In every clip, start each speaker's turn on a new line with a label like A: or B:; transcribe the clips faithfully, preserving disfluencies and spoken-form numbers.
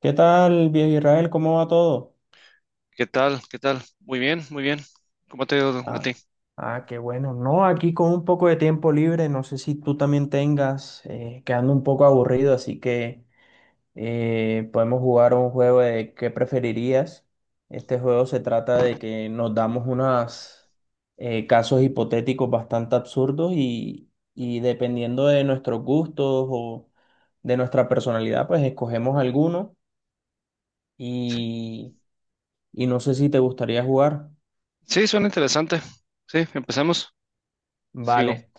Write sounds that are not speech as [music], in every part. A: ¿Qué tal, viejo Israel? ¿Cómo va todo?
B: ¿Qué tal? ¿Qué tal? Muy bien, muy bien. ¿Cómo te ha ido a
A: Ah,
B: ti?
A: ah, qué bueno. No, aquí con un poco de tiempo libre, no sé si tú también tengas, eh, quedando un poco aburrido, así que eh, podemos jugar un juego de qué preferirías. Este juego se trata de que nos damos unos casos hipotéticos bastante absurdos y, y dependiendo de nuestros gustos o de nuestra personalidad, pues escogemos alguno
B: Sí,
A: y, y no sé si te gustaría jugar.
B: sí, suena interesante. Sí, empecemos. Sigo.
A: Vale,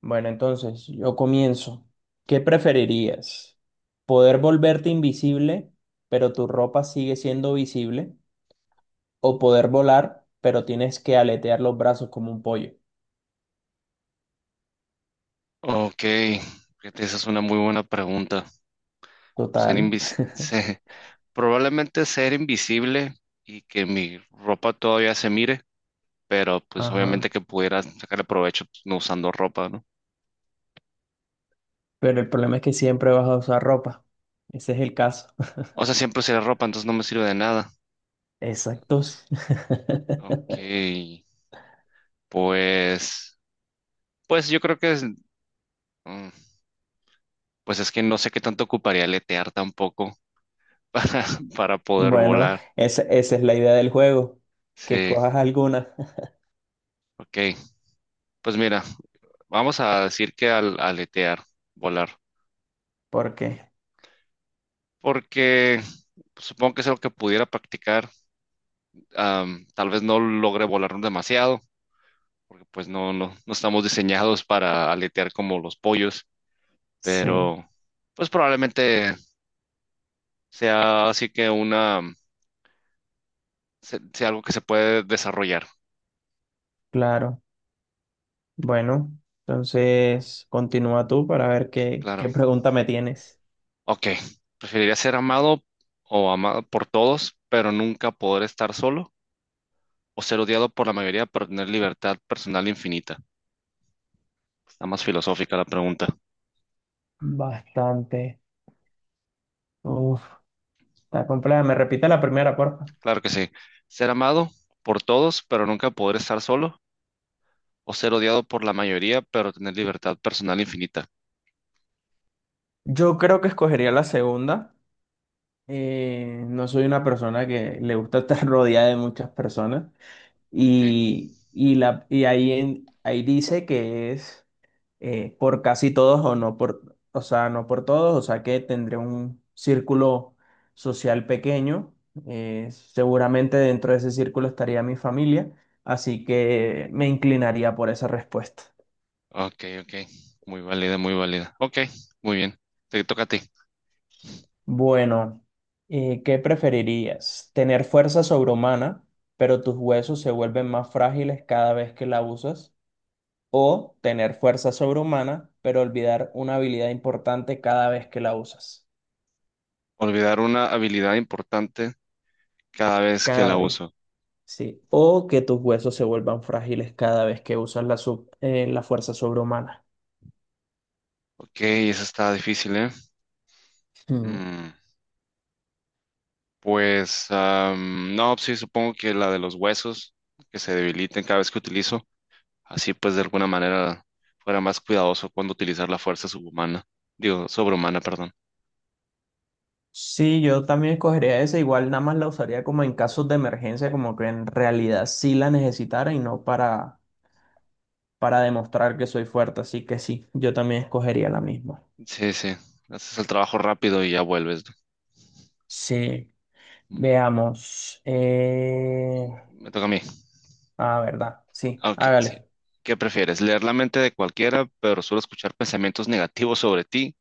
A: bueno, entonces yo comienzo. ¿Qué preferirías? ¿Poder volverte invisible, pero tu ropa sigue siendo visible? ¿O poder volar, pero tienes que aletear los brazos como un pollo?
B: Ok, fíjate, esa es una muy buena pregunta. Ser
A: Total.
B: invis se- Probablemente ser invisible y que mi ropa todavía se mire, pero pues
A: Ajá.
B: obviamente que pudiera sacarle provecho pues, no usando ropa, ¿no?
A: Pero el problema es que siempre vas a usar ropa. Ese es el caso. [laughs]
B: O sea, siempre usaré ropa, entonces no me sirve de nada.
A: Exacto.
B: Ok,
A: [laughs]
B: pues, pues yo creo que es, mm, pues es que no sé qué tanto ocuparía letear tampoco, para, [laughs] para poder
A: Bueno,
B: volar.
A: esa, esa es la idea del juego, que
B: Sí,
A: cojas alguna.
B: ok. Pues mira, vamos a decir que al aletear, volar,
A: [laughs] Porque,
B: porque supongo que es algo que pudiera practicar. am, tal vez no logre volar demasiado, porque pues no, no, no estamos diseñados para aletear como los pollos,
A: sí,
B: pero pues probablemente sea así que una, se- sea algo que se puede desarrollar.
A: claro. Bueno, entonces continúa tú para ver qué,
B: Claro.
A: qué pregunta me tienes.
B: Ok. Preferiría ser amado o amado por todos, pero nunca poder estar solo, o ser odiado por la mayoría pero tener libertad personal infinita. Está más filosófica la pregunta.
A: Bastante. Uf, está compleja. Me repite la primera, porfa.
B: Claro que sí. Ser amado por todos pero nunca poder estar solo o ser odiado por la mayoría pero tener libertad personal infinita.
A: Yo creo que escogería la segunda. Eh, no soy una persona que le gusta estar [laughs] rodeada de muchas personas.
B: Ok,
A: Y, y, la, y ahí, en- ahí dice que es eh, por casi todos o no por, o sea, no por todos, o sea que tendré un círculo social pequeño. Eh, seguramente dentro de ese círculo estaría mi familia, así que me inclinaría por esa respuesta.
B: ok, ok. Muy válida, muy válida. Ok, muy bien. Te toca a ti.
A: Bueno, eh, ¿qué preferirías? ¿Tener fuerza sobrehumana, pero tus huesos se vuelven más frágiles cada vez que la usas? ¿O tener fuerza sobrehumana, pero olvidar una habilidad importante cada vez que la usas?
B: Olvidar una habilidad importante cada vez que
A: Cada
B: la
A: vez,
B: uso.
A: sí. O que tus huesos se vuelvan frágiles cada vez que usas la, sub- eh, la fuerza sobrehumana.
B: Ok, esa está difícil, ¿eh?
A: Hmm.
B: Mm, pues, am, no, sí, supongo que la de los huesos que se debiliten cada vez que utilizo. Así pues, de alguna manera fuera más cuidadoso cuando utilizar la fuerza subhumana, digo, sobrehumana, perdón.
A: Sí, yo también escogería esa, igual nada más la usaría como en casos de emergencia, como que en realidad sí la necesitara y no para, para demostrar que soy fuerte, así que sí, yo también escogería la misma.
B: Sí, sí, haces el trabajo rápido y ya vuelves.
A: Sí,
B: ¿No?
A: veamos. Eh...
B: Me toca a mí.
A: Ah, verdad, sí,
B: Ah, ok, sí.
A: hágale.
B: ¿Qué prefieres? ¿Leer la mente de cualquiera, pero solo escuchar pensamientos negativos sobre ti?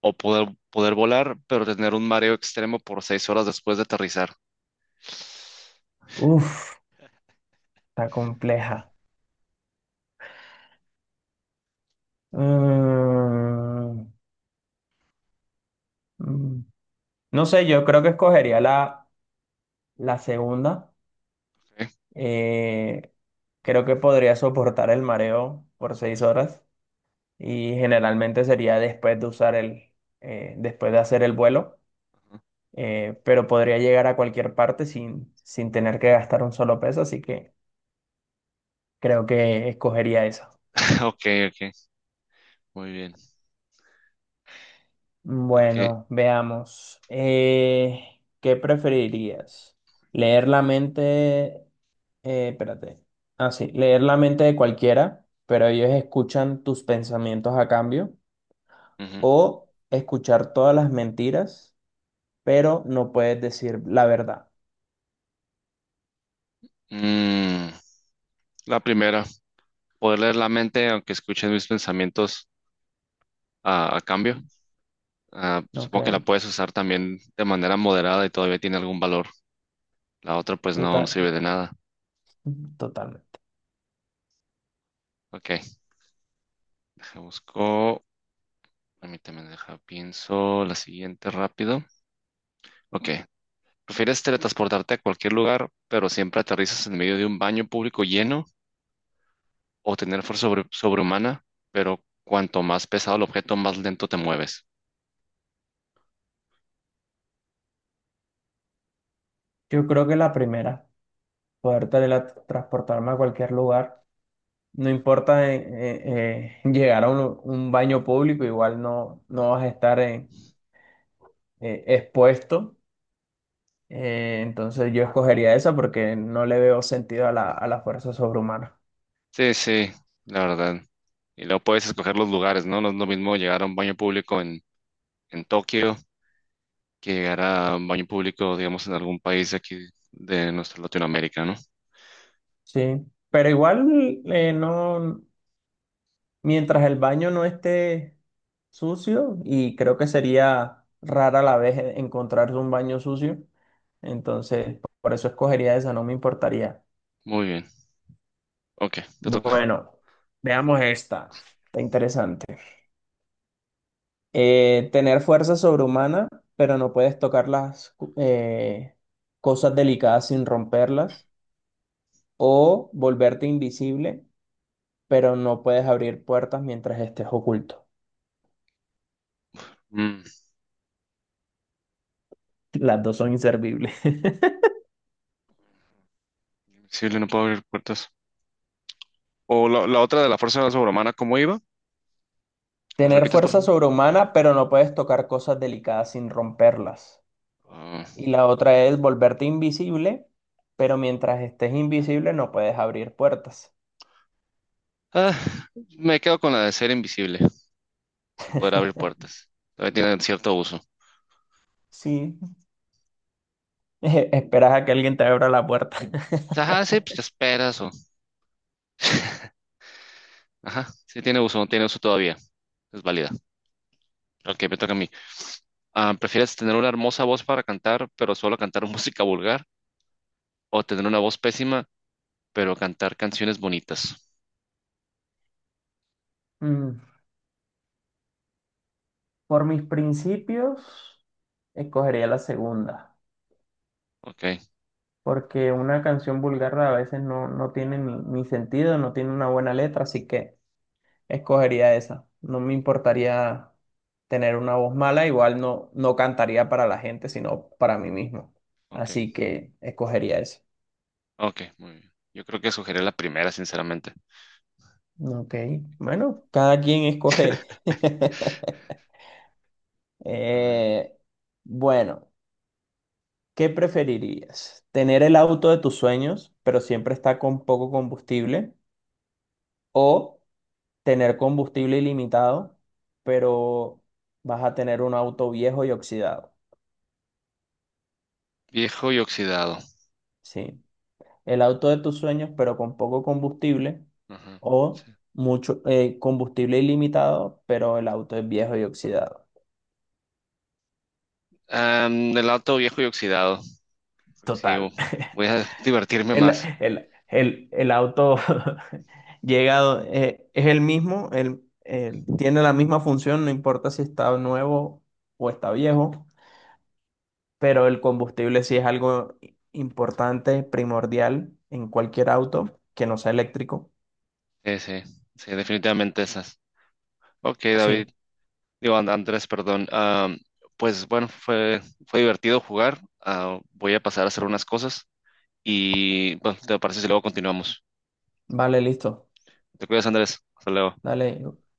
B: ¿O poder, poder volar, pero tener un mareo extremo por seis horas después de aterrizar?
A: Uf, está compleja. Mm, mm, no sé, yo creo que escogería la, la segunda.
B: Ok,
A: Eh, Creo que podría soportar el mareo por seis horas y generalmente sería después de usar el, eh, después de hacer el vuelo, eh, pero podría llegar a cualquier parte sin, sin tener que gastar un solo peso, así que creo que escogería esa.
B: [laughs] ok, ok, muy bien. Ok.
A: Bueno, veamos. Eh, ¿qué preferirías? ¿Leer la mente? Eh, espérate. Ah, sí. ¿Leer la mente de cualquiera, pero ellos escuchan tus pensamientos a cambio?
B: Ujú.
A: ¿O escuchar todas las mentiras, pero no puedes decir la verdad?
B: Mm, la primera, poder leer la mente aunque escuchen mis pensamientos a, a cambio. Ah, supongo que la
A: Ok.
B: puedes usar también de manera moderada y todavía tiene algún valor. La otra pues no, no
A: Total,
B: sirve de nada.
A: totalmente.
B: Ok, deja busco. Permíteme, deja pienso la siguiente rápido. Ok, ¿prefieres teletransportarte a cualquier lugar, pero siempre aterrizas en medio de un baño público lleno, o tener fuerza sobre- sobrehumana, pero cuanto más pesado el objeto, más lento te mueves?
A: Yo creo que la primera, poder teletransportarme a cualquier lugar. No importa eh, eh, eh, llegar a un, un baño público, igual no, no vas a estar eh, eh, expuesto. Eh, entonces yo escogería esa porque no le veo sentido a la, a la fuerza sobrehumana.
B: Sí, sí, la verdad. Y luego puedes escoger los lugares, ¿no? No es lo mismo llegar a un baño público en, en Tokio que llegar a un baño público, digamos, en algún país de aquí de nuestra Latinoamérica, ¿no?
A: Sí, pero igual eh, no, mientras el baño no esté sucio, y creo que sería rara la vez encontrar un baño sucio, entonces por eso escogería esa, no me importaría.
B: Muy bien. Ok, te toca.
A: Bueno, veamos esta, está interesante. Eh, tener fuerza sobrehumana, pero no puedes tocar las eh, cosas delicadas sin romperlas, o volverte invisible, pero no puedes abrir puertas mientras estés oculto.
B: Mm.
A: Las dos son inservibles.
B: Invisible, no puedo abrir puertas. O la, la otra de la fuerza sobrehumana, ¿cómo iba?
A: [laughs]
B: ¿La
A: Tener
B: repites, por
A: fuerza
B: favor?
A: sobrehumana, pero no puedes tocar cosas delicadas sin romperlas.
B: Ah,
A: Y la otra es volverte invisible, pero mientras estés invisible no puedes abrir puertas.
B: ah, me quedo con la de ser invisible, sin poder abrir puertas. Todavía tiene cierto uso.
A: Sí, [laughs] esperas a que alguien te abra la puerta. [laughs]
B: Ajá, sí, pues te esperas o... ajá, sí tiene uso, no tiene uso todavía. Es válida. Ok, me toca a mí. Ah, ¿prefieres tener una hermosa voz para cantar, pero solo cantar [laughs] música vulgar? ¿O tener una voz pésima, pero cantar canciones bonitas?
A: Mm. Por mis principios, escogería la segunda,
B: Ok,
A: porque una canción vulgar a veces no, no tiene ni, ni sentido, no tiene una buena letra, así que escogería esa. No me importaría tener una voz mala, igual no, no cantaría para la gente, sino para mí mismo.
B: ok,
A: Así que escogería esa.
B: ok, muy bien. Yo creo que sugería la primera, sinceramente.
A: Ok, bueno, cada quien escoge.
B: [laughs]
A: [laughs]
B: A ver,
A: Eh, bueno. ¿Qué preferirías? ¿Tener el auto de tus sueños, pero siempre está con poco combustible? ¿O tener combustible ilimitado, pero vas a tener un auto viejo y oxidado?
B: viejo y oxidado.
A: Sí. El auto de tus sueños, pero con poco combustible.
B: Ajá,
A: ¿O
B: sí.
A: mucho eh, combustible ilimitado, pero el auto es viejo y oxidado?
B: Am, el auto viejo y oxidado. Sí, u-
A: Total.
B: voy a [laughs] divertirme
A: El,
B: más.
A: el, el, el auto [laughs] llegado eh, es el mismo, el, el- tiene la misma función, no importa si está nuevo o está viejo, pero el combustible sí es algo i- importante, primordial en cualquier auto que no sea eléctrico.
B: Sí, sí, sí, definitivamente esas. Ok, David.
A: Sí,
B: Digo, And- Andrés, perdón. Am, pues bueno, fue, fue divertido jugar. Ah, voy a pasar a hacer unas cosas y bueno, ¿te parece si luego continuamos?
A: vale, listo.
B: Te cuidas, Andrés. Hasta luego.
A: Dale,